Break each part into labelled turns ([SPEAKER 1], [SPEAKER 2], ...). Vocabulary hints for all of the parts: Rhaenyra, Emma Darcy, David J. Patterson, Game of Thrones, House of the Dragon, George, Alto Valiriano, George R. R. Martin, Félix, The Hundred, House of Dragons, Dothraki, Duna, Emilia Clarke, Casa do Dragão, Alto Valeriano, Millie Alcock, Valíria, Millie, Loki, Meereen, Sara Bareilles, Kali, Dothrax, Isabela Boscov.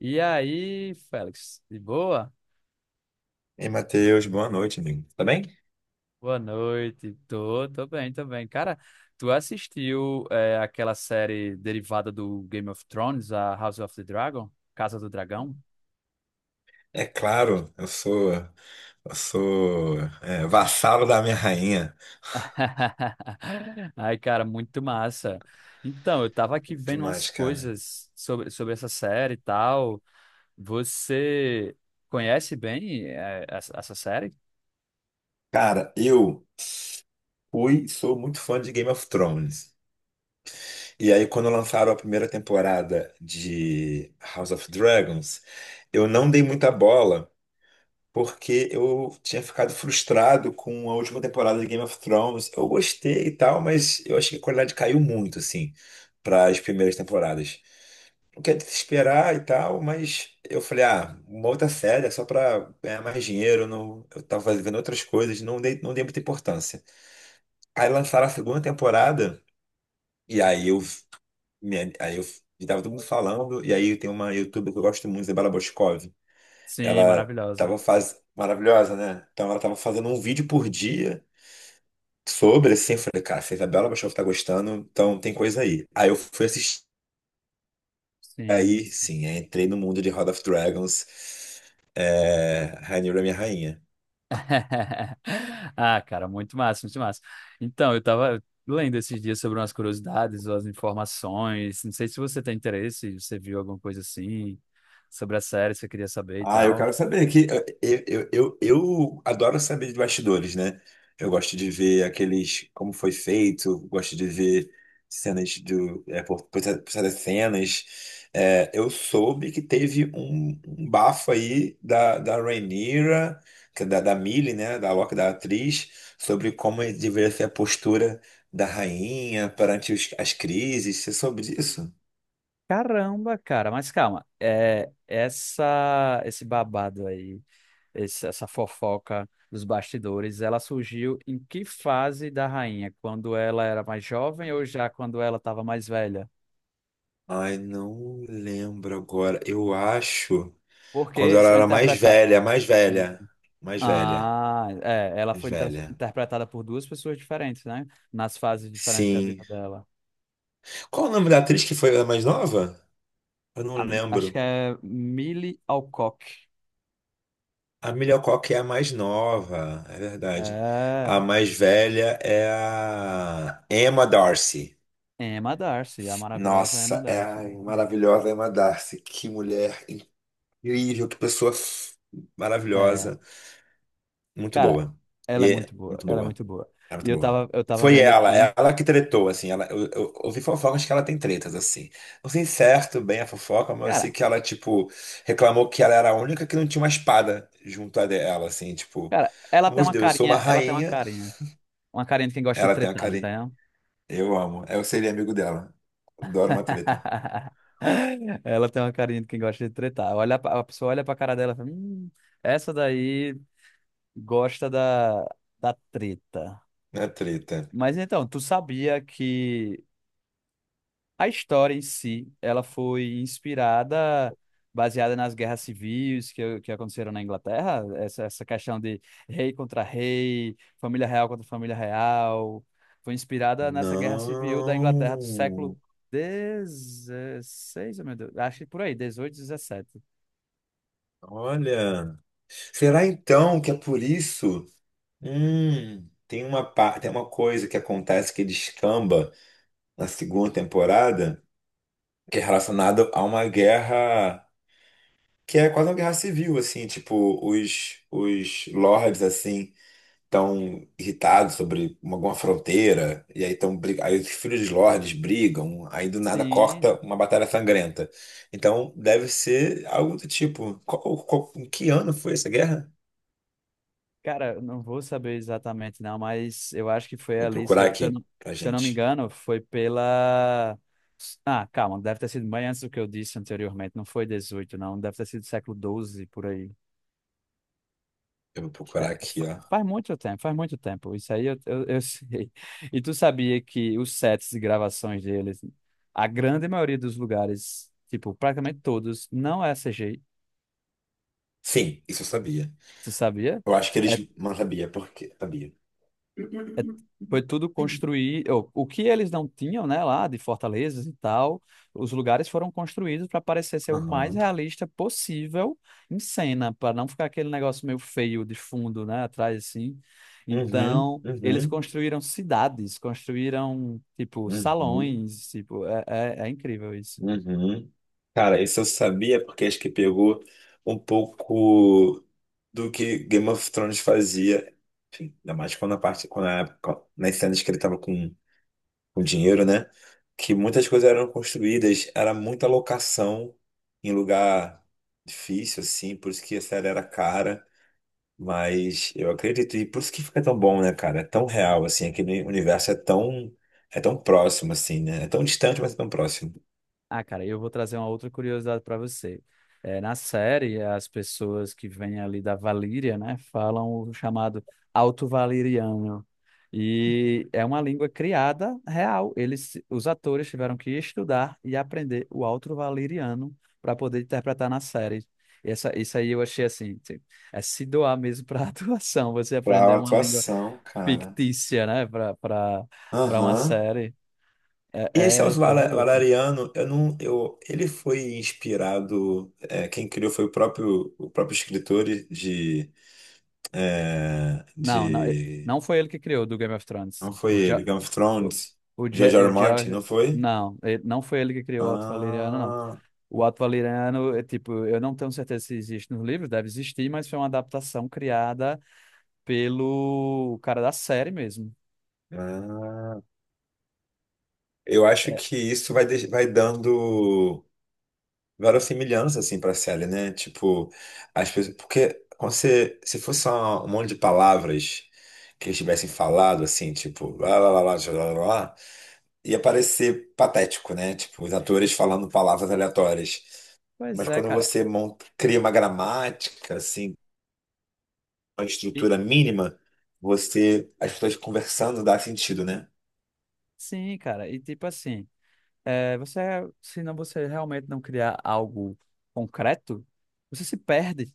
[SPEAKER 1] E aí, Félix, de boa?
[SPEAKER 2] Ei, Matheus, boa noite, amigo. Tá bem?
[SPEAKER 1] Boa noite. Tô bem, tô bem. Cara, tu assistiu aquela série derivada do Game of Thrones, a House of the Dragon? Casa do Dragão?
[SPEAKER 2] É claro, eu sou é, vassalo da minha rainha.
[SPEAKER 1] Ai, cara, muito massa. Então, eu tava aqui vendo umas
[SPEAKER 2] Demais, cara.
[SPEAKER 1] coisas sobre essa série e tal. Você conhece bem essa série?
[SPEAKER 2] Cara, eu sou muito fã de Game of Thrones. E aí, quando lançaram a primeira temporada de House of Dragons, eu não dei muita bola, porque eu tinha ficado frustrado com a última temporada de Game of Thrones. Eu gostei e tal, mas eu achei que a qualidade caiu muito, assim, para as primeiras temporadas. Não quer desesperar e tal, mas eu falei, ah, uma outra série é só pra ganhar mais dinheiro, eu não, eu tava fazendo outras coisas, não dei muita importância. Aí lançaram a segunda temporada, e aí eu, me- aí eu e tava todo mundo falando, e aí tem uma youtuber que eu gosto muito, Isabela Boscov.
[SPEAKER 1] Sim, maravilhosa.
[SPEAKER 2] Maravilhosa, né? Então ela tava fazendo um vídeo por dia sobre, assim, eu falei, cara, se a Isabela Boscov tá gostando, então tem coisa aí. Aí eu fui assistir.
[SPEAKER 1] Sim.
[SPEAKER 2] Aí, sim, aí entrei no mundo de House of Dragons. É, Rhaenyra é minha rainha.
[SPEAKER 1] Ah, cara, muito massa, muito massa. Então, eu tava lendo esses dias sobre umas curiosidades, umas informações. Não sei se você tem interesse, se você viu alguma coisa assim sobre a série, se você queria saber e
[SPEAKER 2] Ah, eu
[SPEAKER 1] tal.
[SPEAKER 2] quero saber que eu adoro saber de bastidores, né? Eu gosto de ver aqueles como foi feito, gosto de ver cenas do por das cenas. É, eu soube que teve um bafo aí da Rhaenyra, que é da Millie, né? Da Loki, da atriz, sobre como deveria ser a postura da rainha perante as crises. Você soube disso?
[SPEAKER 1] Caramba, cara, mas calma. É, esse babado aí, essa fofoca dos bastidores, ela surgiu em que fase da rainha? Quando ela era mais jovem ou já quando ela estava mais velha?
[SPEAKER 2] Ai, não lembro agora. Eu acho. Quando
[SPEAKER 1] Porque
[SPEAKER 2] ela
[SPEAKER 1] são
[SPEAKER 2] era mais
[SPEAKER 1] interpretadas.
[SPEAKER 2] velha, mais velha, mais velha,
[SPEAKER 1] Ah, ela
[SPEAKER 2] mais
[SPEAKER 1] foi
[SPEAKER 2] velha.
[SPEAKER 1] interpretada por duas pessoas diferentes, né? Nas fases diferentes da
[SPEAKER 2] Sim.
[SPEAKER 1] vida dela.
[SPEAKER 2] Qual o nome da atriz que foi a mais nova? Eu não
[SPEAKER 1] A- Acho que
[SPEAKER 2] lembro.
[SPEAKER 1] é Millie Alcock.
[SPEAKER 2] A Emilia Clarke é a mais nova, é verdade. A
[SPEAKER 1] É,
[SPEAKER 2] mais velha é a Emma Darcy.
[SPEAKER 1] Emma Darcy, a maravilhosa Emma
[SPEAKER 2] Nossa, é
[SPEAKER 1] Darcy.
[SPEAKER 2] a
[SPEAKER 1] Exatamente.
[SPEAKER 2] maravilhosa Emma Darcy. Que mulher incrível, que pessoa
[SPEAKER 1] É,
[SPEAKER 2] maravilhosa. Muito
[SPEAKER 1] cara,
[SPEAKER 2] boa.
[SPEAKER 1] ela é
[SPEAKER 2] E
[SPEAKER 1] muito boa,
[SPEAKER 2] muito
[SPEAKER 1] ela é
[SPEAKER 2] boa.
[SPEAKER 1] muito boa.
[SPEAKER 2] É
[SPEAKER 1] E
[SPEAKER 2] muito
[SPEAKER 1] eu
[SPEAKER 2] boa.
[SPEAKER 1] tava, eu tava
[SPEAKER 2] Foi
[SPEAKER 1] vendo
[SPEAKER 2] ela,
[SPEAKER 1] aqui,
[SPEAKER 2] ela que tretou, assim. Eu ouvi fofocas que ela tem tretas, assim. Não sei certo bem a fofoca, mas eu sei
[SPEAKER 1] cara,
[SPEAKER 2] que ela, tipo, reclamou que ela era a única que não tinha uma espada junto a dela, assim, tipo,
[SPEAKER 1] cara, ela tem
[SPEAKER 2] amor de
[SPEAKER 1] uma
[SPEAKER 2] Deus, eu sou uma
[SPEAKER 1] carinha, ela tem
[SPEAKER 2] rainha.
[SPEAKER 1] uma carinha de quem gosta de
[SPEAKER 2] Ela tem a
[SPEAKER 1] tretar, não
[SPEAKER 2] Kali.
[SPEAKER 1] tem? Não?
[SPEAKER 2] Eu amo. Eu seria amigo dela. Adoro uma treta.
[SPEAKER 1] Ela tem uma carinha de quem gosta de tretar. Olha, a pessoa olha pra cara dela e fala, essa daí. Gosta da, da treta."
[SPEAKER 2] Uma treta.
[SPEAKER 1] Mas então, tu sabia que a história em si, ela foi inspirada, baseada nas guerras civis que aconteceram na Inglaterra? Essa questão de rei contra rei, família real contra família real. Foi inspirada nessa guerra civil da Inglaterra do século
[SPEAKER 2] Não.
[SPEAKER 1] XVI, meu Deus. Acho que por aí, 18, 17.
[SPEAKER 2] Olha. Será então que é por isso? Tem uma coisa que acontece que descamba na segunda temporada, que é relacionado a uma guerra que é quase uma guerra civil, assim, tipo, os lords, assim, estão irritados sobre alguma fronteira, e aí, aí os filhos dos lords brigam, aí do nada
[SPEAKER 1] Sim.
[SPEAKER 2] corta uma batalha sangrenta. Então, deve ser algo do tipo, em que ano foi essa guerra?
[SPEAKER 1] Cara, eu não vou saber exatamente não, mas eu acho que foi
[SPEAKER 2] Vou
[SPEAKER 1] ali,
[SPEAKER 2] procurar
[SPEAKER 1] se eu
[SPEAKER 2] aqui
[SPEAKER 1] não,
[SPEAKER 2] pra
[SPEAKER 1] se eu não me
[SPEAKER 2] gente.
[SPEAKER 1] engano, foi pela... Ah, calma, deve ter sido bem antes do que eu disse anteriormente, não foi 18, não, deve ter sido século 12 por aí.
[SPEAKER 2] Eu vou
[SPEAKER 1] É,
[SPEAKER 2] procurar aqui, ó.
[SPEAKER 1] faz muito tempo, isso aí eu sei. E tu sabia que os sets de gravações deles, a grande maioria dos lugares, tipo, praticamente todos, não é CGI,
[SPEAKER 2] Sim, isso eu sabia.
[SPEAKER 1] tu sabia?
[SPEAKER 2] Eu acho que eles não sabia, porque sabia.
[SPEAKER 1] É. Foi tudo construir. O que eles não tinham, né, lá de fortalezas e tal, os lugares foram construídos para parecer ser o mais
[SPEAKER 2] Aham.
[SPEAKER 1] realista possível em cena, para não ficar aquele negócio meio feio de fundo, né, atrás assim.
[SPEAKER 2] Uhum,
[SPEAKER 1] Então, eles
[SPEAKER 2] uhum,
[SPEAKER 1] construíram cidades, construíram, tipo,
[SPEAKER 2] uhum,
[SPEAKER 1] salões, tipo, é incrível isso.
[SPEAKER 2] uhum. Cara, isso eu sabia porque acho que pegou um pouco do que Game of Thrones fazia. Enfim, ainda mais quando a parte, quando a, época- nas cenas que ele tava com dinheiro, né? Que muitas coisas eram construídas, era muita locação em lugar difícil, assim, por isso que a série era cara. Mas eu acredito, e por isso que fica tão bom, né, cara? É tão real, assim, aquele universo é tão próximo, assim, né? É tão distante, mas é tão próximo.
[SPEAKER 1] Ah, cara, eu vou trazer uma outra curiosidade para você. Na série, as pessoas que vêm ali da Valíria, né, falam o chamado Alto Valiriano. E é uma língua criada real. Eles, os atores tiveram que estudar e aprender o Alto Valiriano para poder interpretar na série. Isso aí eu achei assim, tipo, é se doar mesmo para a atuação, você
[SPEAKER 2] Pra
[SPEAKER 1] aprender uma língua
[SPEAKER 2] atuação, cara.
[SPEAKER 1] fictícia, né, para uma
[SPEAKER 2] Aham.
[SPEAKER 1] série.
[SPEAKER 2] E esse
[SPEAKER 1] É, é
[SPEAKER 2] Elzo
[SPEAKER 1] coisa de louco.
[SPEAKER 2] Valeriano, eu não, eu, ele foi inspirado, quem criou foi o próprio escritor de, é,
[SPEAKER 1] Não, não,
[SPEAKER 2] de,
[SPEAKER 1] não foi ele que criou do Game of
[SPEAKER 2] não
[SPEAKER 1] Thrones.
[SPEAKER 2] foi ele, Game of
[SPEAKER 1] O,
[SPEAKER 2] Thrones,
[SPEAKER 1] o, Ja-
[SPEAKER 2] George R.
[SPEAKER 1] o
[SPEAKER 2] R. Martin,
[SPEAKER 1] George,
[SPEAKER 2] não foi?
[SPEAKER 1] não, não foi ele que criou o Alto Valeriano, não.
[SPEAKER 2] Ah,
[SPEAKER 1] O Alto Valeriano, é tipo, eu não tenho certeza se existe nos livros, deve existir, mas foi uma adaptação criada pelo cara da série mesmo.
[SPEAKER 2] ah. Eu acho
[SPEAKER 1] É,
[SPEAKER 2] que isso vai dando verossimilhança, assim, pra série, né? Tipo, as pessoas. Porque se fosse só um monte de palavras que eles tivessem falado, assim, tipo, lá, lá, lá, lá, lá, lá, lá, lá, ia parecer patético, né? Tipo, os atores falando palavras aleatórias.
[SPEAKER 1] pois
[SPEAKER 2] Mas
[SPEAKER 1] é,
[SPEAKER 2] quando
[SPEAKER 1] cara.
[SPEAKER 2] você monta, cria uma gramática, assim, uma
[SPEAKER 1] E,
[SPEAKER 2] estrutura mínima, você. As pessoas conversando dá sentido, né?
[SPEAKER 1] sim, cara. E tipo assim, você, se não você realmente não criar algo concreto, você se perde.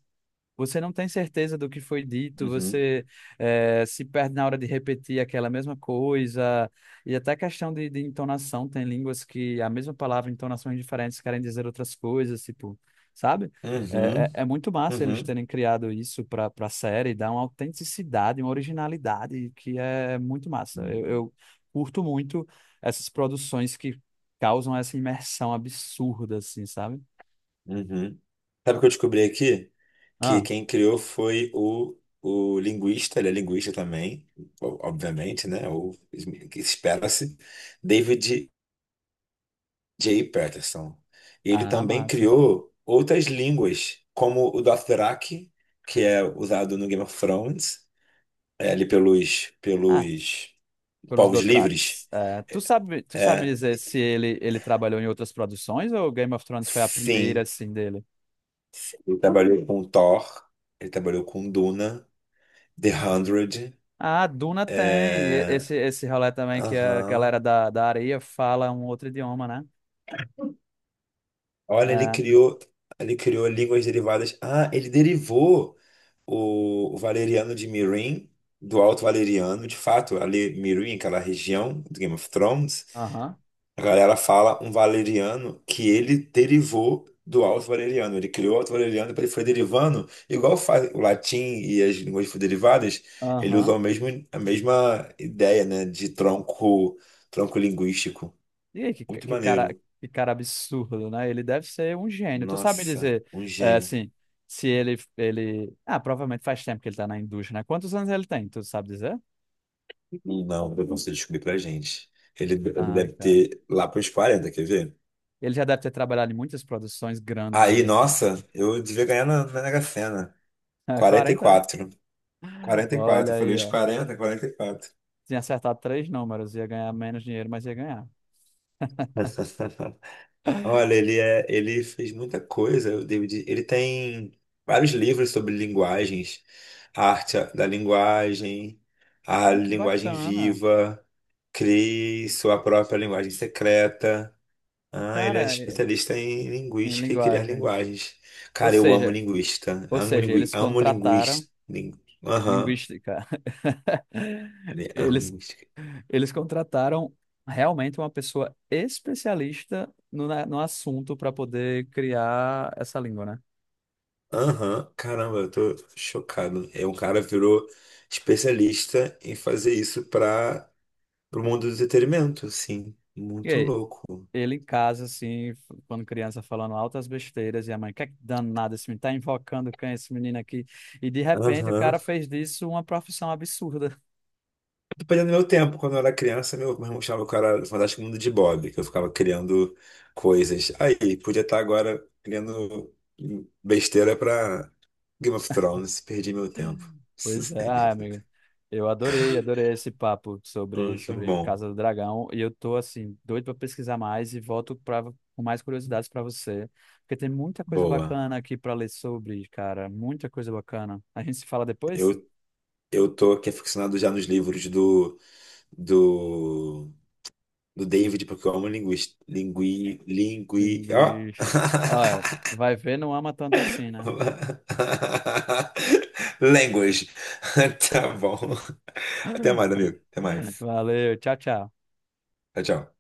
[SPEAKER 1] Você não tem certeza do que foi dito,
[SPEAKER 2] Uhum.
[SPEAKER 1] você se perde na hora de repetir aquela mesma coisa, e até questão de entonação, tem línguas que a mesma palavra, entonações diferentes, querem dizer outras coisas, tipo, sabe? É, é-
[SPEAKER 2] Uhum.
[SPEAKER 1] é muito massa eles terem criado isso para a série, dá uma autenticidade, uma originalidade que é muito massa. Eu,
[SPEAKER 2] Uhum.
[SPEAKER 1] eu curto muito essas produções que causam essa imersão absurda, assim, sabe?
[SPEAKER 2] Uhum. Sabe o que eu descobri aqui? Que
[SPEAKER 1] Ah,
[SPEAKER 2] quem criou foi o linguista, ele é linguista também, obviamente, né? O que espera-se, David J. Patterson. Ele
[SPEAKER 1] ah,
[SPEAKER 2] também
[SPEAKER 1] massa.
[SPEAKER 2] criou outras línguas, como o Dothraki, que é usado no Game of Thrones, ali pelos,
[SPEAKER 1] Ah,
[SPEAKER 2] pelos
[SPEAKER 1] Pelos
[SPEAKER 2] povos livres.
[SPEAKER 1] Dothrax. É, tu sabe me
[SPEAKER 2] É,
[SPEAKER 1] dizer se ele trabalhou em outras produções ou Game of Thrones foi a primeira,
[SPEAKER 2] sim,
[SPEAKER 1] assim, dele?
[SPEAKER 2] ele trabalhou com Thor, ele trabalhou com Duna, The Hundred.
[SPEAKER 1] Ah, Duna tem.
[SPEAKER 2] é,
[SPEAKER 1] Esse rolê também que a
[SPEAKER 2] Aham.
[SPEAKER 1] galera da areia fala um outro idioma, né?
[SPEAKER 2] Olha, ele
[SPEAKER 1] É.
[SPEAKER 2] criou, ele criou línguas derivadas. Ah, ele derivou o valeriano de Meereen do Alto Valeriano. De fato, ali Meereen, aquela região do Game of Thrones,
[SPEAKER 1] Aham,
[SPEAKER 2] a galera fala um valeriano que ele derivou do Alto Valeriano. Ele criou o Alto Valeriano, depois ele foi derivando, igual faz o latim e as línguas derivadas, ele usou
[SPEAKER 1] aham.
[SPEAKER 2] o mesmo, a mesma ideia, né, de tronco linguístico.
[SPEAKER 1] E aí, que,
[SPEAKER 2] Muito
[SPEAKER 1] que cara,
[SPEAKER 2] maneiro.
[SPEAKER 1] que cara absurdo, né? Ele deve ser um gênio. Tu sabe me
[SPEAKER 2] Nossa,
[SPEAKER 1] dizer,
[SPEAKER 2] um gênio.
[SPEAKER 1] assim, se ele... Ah, provavelmente faz tempo que ele tá na indústria, né? Quantos anos ele tem? Tu sabe dizer?
[SPEAKER 2] Não, eu não sei descobrir pra gente. Ele
[SPEAKER 1] Ai,
[SPEAKER 2] deve
[SPEAKER 1] cara.
[SPEAKER 2] ter lá pros 40, quer ver?
[SPEAKER 1] Ele já deve ter trabalhado em muitas produções grandes,
[SPEAKER 2] Aí,
[SPEAKER 1] assim.
[SPEAKER 2] nossa, eu devia ganhar na Mega Sena.
[SPEAKER 1] É, 40, é?
[SPEAKER 2] 44. quarenta e
[SPEAKER 1] Olha
[SPEAKER 2] quatro. Eu falei
[SPEAKER 1] aí,
[SPEAKER 2] os
[SPEAKER 1] ó.
[SPEAKER 2] 40, 44.
[SPEAKER 1] Tinha acertado três números, ia ganhar menos dinheiro, mas ia ganhar.
[SPEAKER 2] Olha, ele fez muita coisa, o David. Ele tem vários livros sobre linguagens, a arte da linguagem, a
[SPEAKER 1] Ai, que
[SPEAKER 2] linguagem
[SPEAKER 1] bacana.
[SPEAKER 2] viva, crie sua própria linguagem secreta. Ah, ele é
[SPEAKER 1] Cara,
[SPEAKER 2] especialista em
[SPEAKER 1] em
[SPEAKER 2] linguística e criar
[SPEAKER 1] linguagem.
[SPEAKER 2] linguagens.
[SPEAKER 1] Ou
[SPEAKER 2] Cara, eu amo
[SPEAKER 1] seja,
[SPEAKER 2] linguista.
[SPEAKER 1] ou
[SPEAKER 2] Amo,
[SPEAKER 1] seja, eles
[SPEAKER 2] amo
[SPEAKER 1] contrataram
[SPEAKER 2] linguista. Aham.
[SPEAKER 1] linguística.
[SPEAKER 2] Amo
[SPEAKER 1] Eles,
[SPEAKER 2] linguística.
[SPEAKER 1] eles contrataram realmente uma pessoa especialista no assunto para poder criar essa língua, né?
[SPEAKER 2] Aham. Caramba, eu tô chocado. É um cara virou especialista em fazer isso para o mundo do entretenimento, assim.
[SPEAKER 1] E
[SPEAKER 2] Muito
[SPEAKER 1] aí?
[SPEAKER 2] louco.
[SPEAKER 1] Ele em casa, assim, quando criança, falando altas besteiras, e a mãe, que é que danado, esse menino tá invocando quem, é esse menino aqui? E de repente o
[SPEAKER 2] Aham.
[SPEAKER 1] cara fez disso uma profissão absurda.
[SPEAKER 2] Dependendo do meu tempo, quando eu era criança, meu irmão chamava o cara Fantástico Mundo de Bob, que eu ficava criando coisas. Aí, podia estar agora criando besteira pra Game of Thrones, perdi meu tempo.
[SPEAKER 1] Pois é, ah, amigo, eu adorei, adorei esse papo sobre,
[SPEAKER 2] Muito
[SPEAKER 1] sobre
[SPEAKER 2] bom.
[SPEAKER 1] Casa do Dragão, e eu tô, assim, doido para pesquisar mais e volto pra, com mais curiosidades para você, porque tem muita coisa
[SPEAKER 2] Boa.
[SPEAKER 1] bacana aqui para ler sobre, cara, muita coisa bacana. A gente se fala depois?
[SPEAKER 2] Eu, eu tô aqui aficionado já nos livros do, do David, porque eu amo linguista. Lingui, lingui, ó.
[SPEAKER 1] Minguiche. Olha, vai ver, não ama tanto assim, né?
[SPEAKER 2] Language. Tá bom. Até mais, amigo. Até mais.
[SPEAKER 1] Valeu, tchau, tchau.
[SPEAKER 2] Tchau, tchau.